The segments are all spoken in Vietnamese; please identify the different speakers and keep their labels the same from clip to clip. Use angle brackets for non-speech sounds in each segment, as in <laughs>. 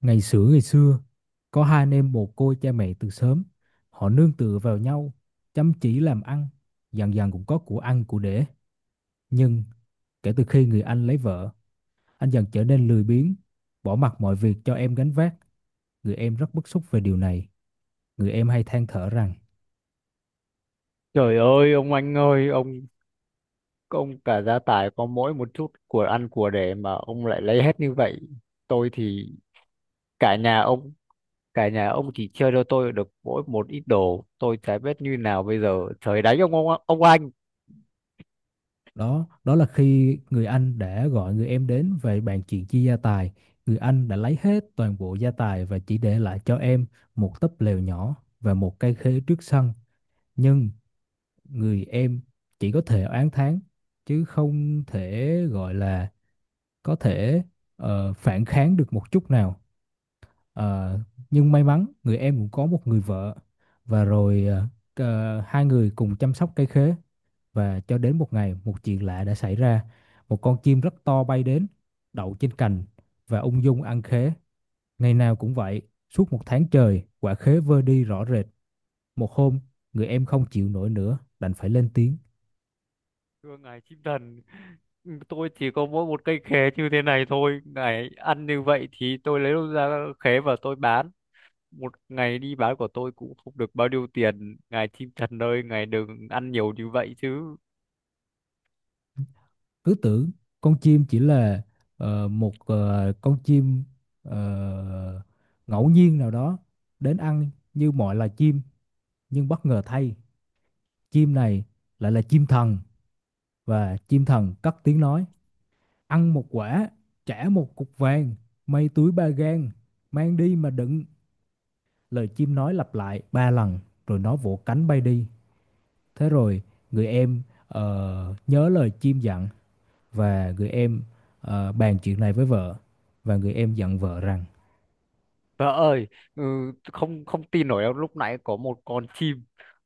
Speaker 1: Ngày xưa, có hai anh em mồ côi cha mẹ từ sớm. Họ nương tựa vào nhau, chăm chỉ làm ăn, dần dần cũng có của ăn của để. Nhưng kể từ khi người anh lấy vợ, anh dần trở nên lười biếng, bỏ mặc mọi việc cho em gánh vác. Người em rất bức xúc về điều này. Người em hay than thở rằng.
Speaker 2: Trời ơi ông anh ơi, ông cả gia tài có mỗi một chút của ăn của để mà ông lại lấy hết như vậy. Tôi thì, cả nhà ông cả nhà ông chỉ chơi cho tôi được mỗi một ít đồ, tôi chả biết như nào bây giờ. Trời đánh ông, ông anh.
Speaker 1: Đó đó là khi người anh đã gọi người em đến về bàn chuyện chia gia tài. Người anh đã lấy hết toàn bộ gia tài và chỉ để lại cho em một túp lều nhỏ và một cây khế trước sân. Nhưng người em chỉ có thể oán thán, chứ không thể gọi là có thể phản kháng được một chút nào. Ờ, nhưng may mắn người em cũng có một người vợ, và rồi hai người cùng chăm sóc cây khế. Và cho đến một ngày, một chuyện lạ đã xảy ra: một con chim rất to bay đến đậu trên cành và ung dung ăn khế, ngày nào cũng vậy. Suốt một tháng trời quả khế vơ đi rõ rệt. Một hôm người em không chịu nổi nữa đành phải lên tiếng.
Speaker 2: Thưa ngài chim thần, tôi chỉ có mỗi một cây khế như thế này thôi, ngài ăn như vậy thì tôi lấy đâu ra khế và tôi bán? Một ngày đi bán của tôi cũng không được bao nhiêu tiền, ngài chim thần ơi, ngài đừng ăn nhiều như vậy chứ.
Speaker 1: Cứ tưởng con chim chỉ là một con chim ờ, ngẫu nhiên nào đó đến ăn như mọi loài chim, nhưng bất ngờ thay, chim này lại là chim thần, và chim thần cất tiếng nói: ăn một quả, trả một cục vàng, may túi 3 gang, mang đi mà đựng. Lời chim nói lặp lại 3 lần rồi nó vỗ cánh bay đi. Thế rồi người em nhớ lời chim dặn, và người em bàn chuyện này với vợ, và người em dặn vợ rằng.
Speaker 2: Vợ ơi, ừ, không không tin nổi đâu, lúc nãy có một con chim,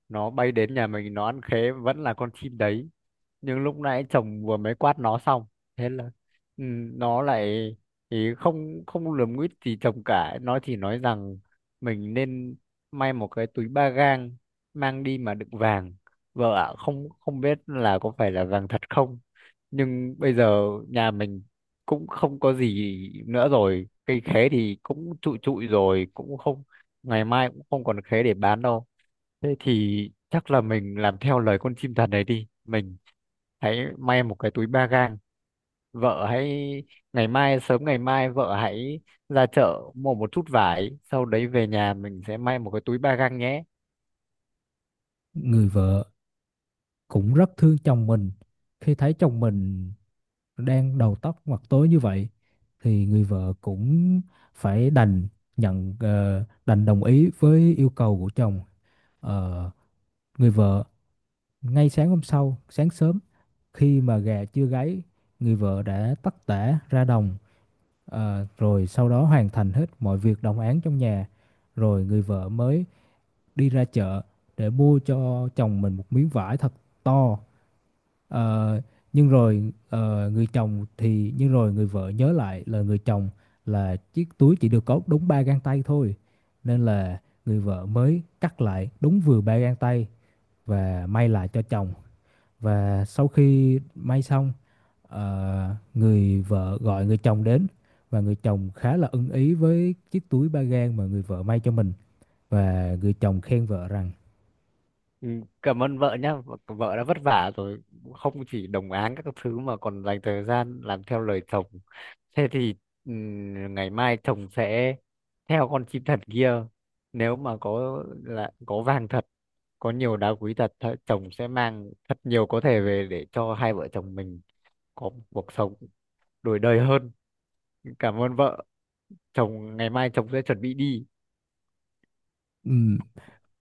Speaker 2: nó bay đến nhà mình nó ăn khế, vẫn là con chim đấy nhưng lúc nãy chồng vừa mới quát nó xong. Thế là, ừ, nó lại thì không không lườm nguýt gì chồng cả, nó chỉ nói rằng mình nên may một cái túi ba gang mang đi mà đựng vàng. Vợ ạ, không không biết là có phải là vàng thật không, nhưng bây giờ nhà mình cũng không có gì nữa rồi, cây khế thì cũng trụi trụi rồi, cũng không, ngày mai cũng không còn khế để bán đâu. Thế thì chắc là mình làm theo lời con chim thần đấy đi. Mình hãy may một cái túi ba gang. Vợ hãy, ngày mai vợ hãy ra chợ mua một chút vải, sau đấy về nhà mình sẽ may một cái túi ba gang nhé.
Speaker 1: Người vợ cũng rất thương chồng mình, khi thấy chồng mình đang đầu tóc mặt tối như vậy thì người vợ cũng phải đành đồng ý với yêu cầu của chồng. Ờ, Người vợ ngay sáng hôm sau sáng sớm, khi mà gà chưa gáy, người vợ đã tất tả ra đồng, rồi sau đó hoàn thành hết mọi việc đồng áng trong nhà, rồi người vợ mới đi ra chợ để mua cho chồng mình một miếng vải thật to. Ờ, nhưng rồi người vợ nhớ lại là người chồng, là chiếc túi chỉ được có đúng 3 gang tay thôi. Nên là người vợ mới cắt lại đúng vừa 3 gang tay và may lại cho chồng. Và sau khi may xong, người vợ gọi người chồng đến, và người chồng khá là ưng ý với chiếc túi 3 gang mà người vợ may cho mình, và người chồng khen vợ rằng.
Speaker 2: Ừ, cảm ơn vợ nhá, vợ vợ đã vất vả rồi, không chỉ đồng áng các thứ mà còn dành thời gian làm theo lời chồng. Thế thì, ngày mai chồng sẽ theo con chim thật kia, nếu mà có vàng thật, có nhiều đá quý thật, chồng sẽ mang thật nhiều có thể về để cho hai vợ chồng mình có một cuộc sống đổi đời hơn. Cảm ơn vợ, ngày mai chồng sẽ chuẩn bị đi.
Speaker 1: Ừm,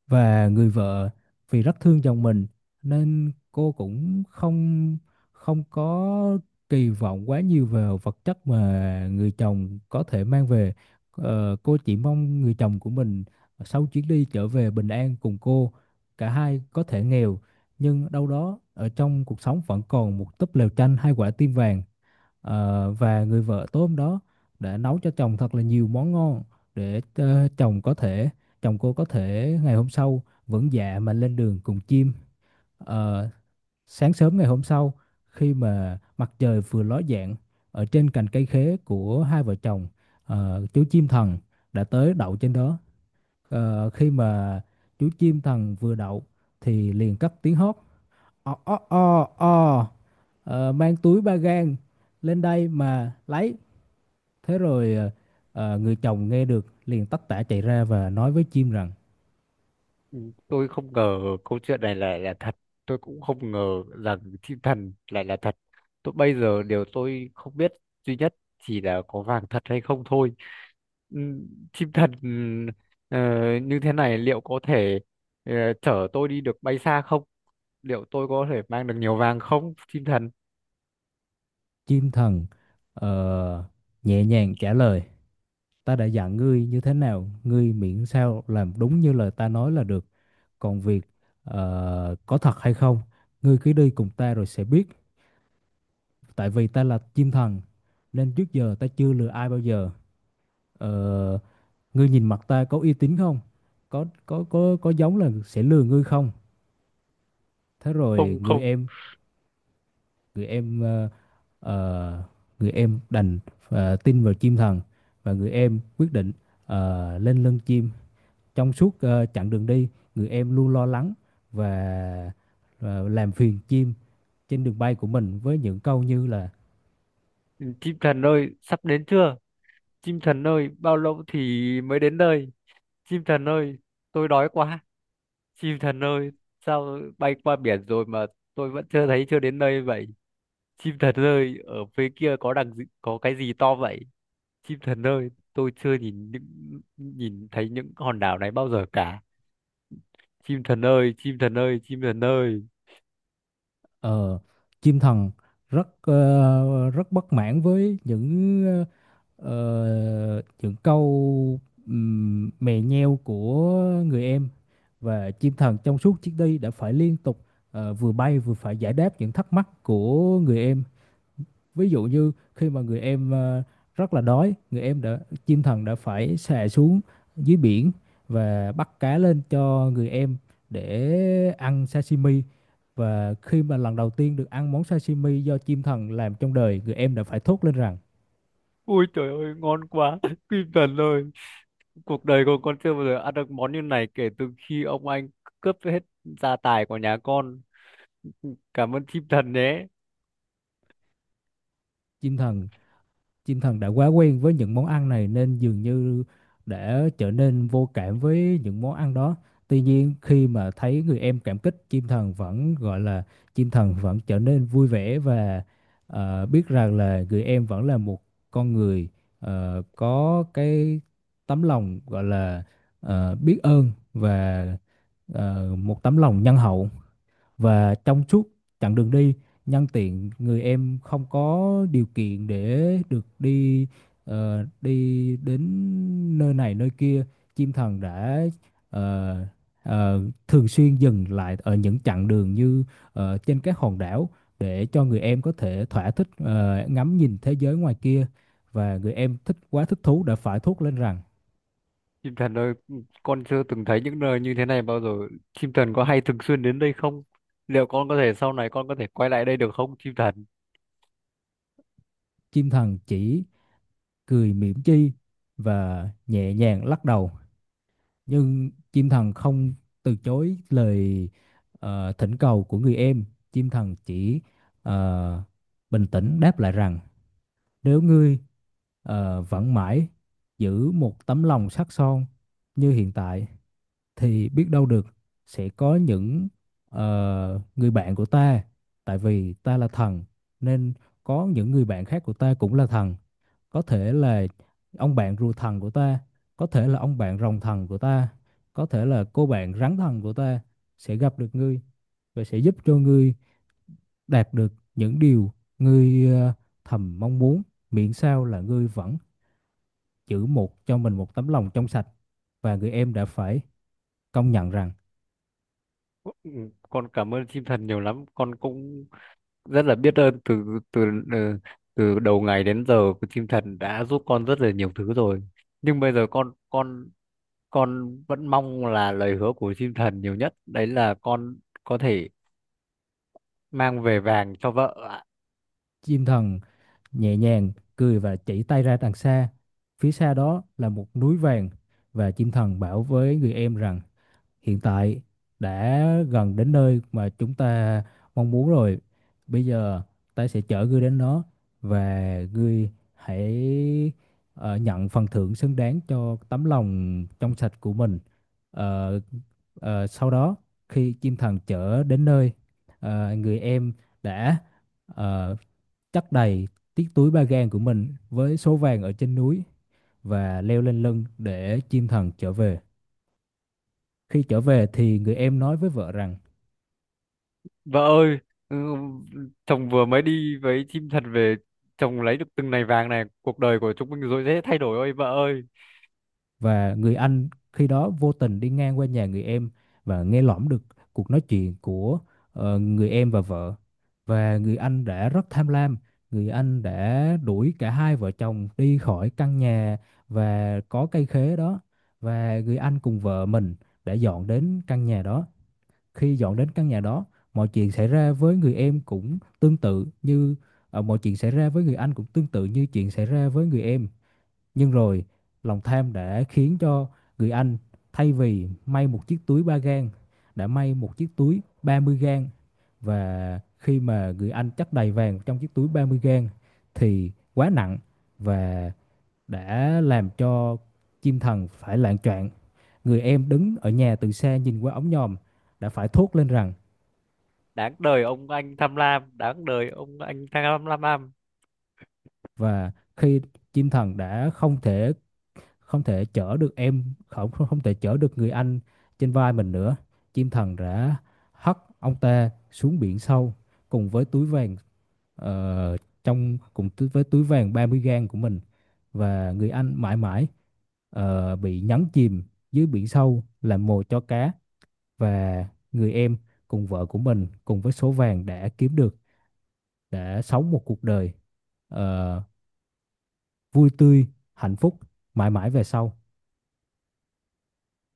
Speaker 1: Và người vợ, vì rất thương chồng mình, nên cô cũng không không có kỳ vọng quá nhiều vào vật chất mà người chồng có thể mang về. Cô chỉ mong người chồng của mình sau chuyến đi trở về bình an cùng cô. Cả hai có thể nghèo, nhưng đâu đó ở trong cuộc sống vẫn còn một túp lều tranh hai quả tim vàng. Và người vợ tối hôm đó đã nấu cho chồng thật là nhiều món ngon, để chồng cô có thể ngày hôm sau vẫn dạ mà lên đường cùng chim. Ờ, Sáng sớm ngày hôm sau, khi mà mặt trời vừa ló dạng, ở trên cành cây khế của hai vợ chồng, chú chim thần đã tới đậu trên đó. Khi mà chú chim thần vừa đậu thì liền cất tiếng hót: o o o o. Mang túi 3 gang lên đây mà lấy. Thế rồi người chồng nghe được liền tất tả chạy ra và nói với chim rằng.
Speaker 2: Ừ, tôi không ngờ câu chuyện này là thật, tôi cũng không ngờ rằng thiên thần lại là thật. Tôi bây giờ điều tôi không biết duy nhất chỉ là có vàng thật hay không thôi. Ừm, chim thần, ờ, như thế này liệu có thể, ờ, chở tôi đi được bay xa không? Liệu tôi có thể mang được nhiều vàng không, chim thần?
Speaker 1: Chim thần ờ, nhẹ nhàng trả lời: ta đã dặn ngươi như thế nào, ngươi miễn sao làm đúng như lời ta nói là được. Còn việc có thật hay không, ngươi cứ đi cùng ta rồi sẽ biết. Tại vì ta là chim thần nên trước giờ ta chưa lừa ai bao giờ. Ờ, Ngươi nhìn mặt ta có uy tín không? Có giống là sẽ lừa ngươi không? Thế rồi
Speaker 2: Không, không.
Speaker 1: người em ờ, ờ, người em đành tin vào chim thần. Và người em quyết định lên lưng chim. Trong suốt chặng đường đi, người em luôn lo lắng và ờ, làm phiền chim trên đường bay của mình, với những câu như là.
Speaker 2: Chim thần ơi, sắp đến chưa? Chim thần ơi, bao lâu thì mới đến nơi? Chim thần ơi, tôi đói quá. Chim thần ơi, sao bay qua biển rồi mà tôi vẫn chưa thấy, chưa đến nơi vậy? Chim thần ơi, ở phía kia có đằng gì, có cái gì to vậy? Chim thần ơi, tôi chưa nhìn thấy những hòn đảo này bao giờ cả. Chim thần ơi, chim thần ơi, chim thần ơi.
Speaker 1: ờ, Chim thần rất bất mãn với những câu mè nheo của người em. Và chim thần trong suốt chuyến đi đã phải liên tục vừa bay vừa phải giải đáp những thắc mắc của người em. Ví dụ như khi mà người em rất là đói, người em đã chim thần đã phải xà xuống dưới biển và bắt cá lên cho người em để ăn sashimi. Và khi mà lần đầu tiên được ăn món sashimi do chim thần làm trong đời, người em đã phải thốt lên rằng.
Speaker 2: Ui trời ơi ngon quá <laughs> chim thần ơi, cuộc đời của con chưa bao giờ ăn được món như này kể từ khi ông anh cướp hết gia tài của nhà con. Cảm ơn chim thần nhé.
Speaker 1: chim thần Chim thần đã quá quen với những món ăn này nên dường như đã trở nên vô cảm với những món ăn đó. Tuy nhiên khi mà thấy người em cảm kích, chim thần vẫn trở nên vui vẻ và biết rằng là người em vẫn là một con người có cái tấm lòng, gọi là biết ơn và một tấm lòng nhân hậu. Và trong suốt chặng đường đi, nhân tiện người em không có điều kiện để được đi ờ, đi đến nơi này nơi kia, chim thần đã ờ, ờ, thường xuyên dừng lại ở những chặng đường như trên các hòn đảo, để cho người em có thể thỏa thích ngắm nhìn thế giới ngoài kia. Và người em thích quá, thích thú đã phải thốt lên rằng.
Speaker 2: Chim thần ơi, con chưa từng thấy những nơi như thế này bao giờ. Chim thần có hay thường xuyên đến đây không? Liệu con có thể, sau này con có thể quay lại đây được không, chim thần?
Speaker 1: Chim thần chỉ cười mỉm chi và nhẹ nhàng lắc đầu, nhưng chim thần không từ chối lời thỉnh cầu của người em. Chim thần chỉ ờ, bình tĩnh đáp lại rằng: nếu ngươi vẫn mãi giữ một tấm lòng sắt son như hiện tại, thì biết đâu được sẽ có những người bạn của ta. Tại vì ta là thần, nên có những người bạn khác của ta cũng là thần, có thể là ông bạn rùa thần của ta, có thể là ông bạn rồng thần của ta, có thể là cô bạn rắn thần của ta, sẽ gặp được ngươi và sẽ giúp cho ngươi đạt được những điều ngươi thầm mong muốn, miễn sao là ngươi vẫn giữ cho mình một tấm lòng trong sạch. Và người em đã phải công nhận rằng.
Speaker 2: Ừ, con cảm ơn chim thần nhiều lắm. Con cũng rất là biết ơn, từ từ ừ, từ đầu ngày đến giờ của chim thần đã giúp con rất là nhiều thứ rồi. Nhưng bây giờ con con vẫn mong là lời hứa của chim thần nhiều nhất đấy, là con có thể mang về vàng cho vợ ạ.
Speaker 1: Chim thần nhẹ nhàng cười và chỉ tay ra đằng xa, phía xa đó là một núi vàng. Và chim thần bảo với người em rằng: hiện tại đã gần đến nơi mà chúng ta mong muốn rồi. Bây giờ ta sẽ chở ngươi đến đó, và ngươi hãy nhận phần thưởng xứng đáng cho tấm lòng trong sạch của mình. Ờ, Sau đó khi chim thần chở đến nơi, người em đã ờ, chất đầy chiếc túi 3 gang của mình với số vàng ở trên núi, và leo lên lưng để chim thần trở về. Khi trở về thì người em nói với vợ rằng.
Speaker 2: Vợ ơi, ừ, chồng vừa mới đi với chim thật về, chồng lấy được từng này vàng này, cuộc đời của chúng mình rồi dễ thay đổi ơi vợ ơi.
Speaker 1: Và người anh khi đó vô tình đi ngang qua nhà người em và nghe lỏm được cuộc nói chuyện của người em và vợ. Và người anh đã rất tham lam, người anh đã đuổi cả hai vợ chồng đi khỏi căn nhà và có cây khế đó, và người anh cùng vợ mình đã dọn đến căn nhà đó. Khi dọn đến căn nhà đó, mọi chuyện xảy ra với người em cũng tương tự như ờ, mọi chuyện xảy ra với người anh cũng tương tự như chuyện xảy ra với người em. Nhưng rồi, lòng tham đã khiến cho người anh, thay vì may một chiếc túi 3 gang, đã may một chiếc túi 30 gang. Và khi mà người anh chất đầy vàng trong chiếc túi 30 gang thì quá nặng và đã làm cho chim thần phải loạng choạng. Người em đứng ở nhà từ xa nhìn qua ống nhòm đã phải thốt lên rằng.
Speaker 2: Đáng đời ông anh tham lam, đáng đời ông anh tham lam.
Speaker 1: Và khi chim thần đã không thể chở được em không không không thể chở được người anh trên vai mình nữa, chim thần đã hất ông ta xuống biển sâu cùng với túi vàng, ờ, 30 gang của mình. Và người anh mãi mãi bị nhấn chìm dưới biển sâu làm mồi cho cá. Và người em cùng vợ của mình, cùng với số vàng đã kiếm được, đã sống một cuộc đời ờ, vui tươi, hạnh phúc mãi mãi về sau.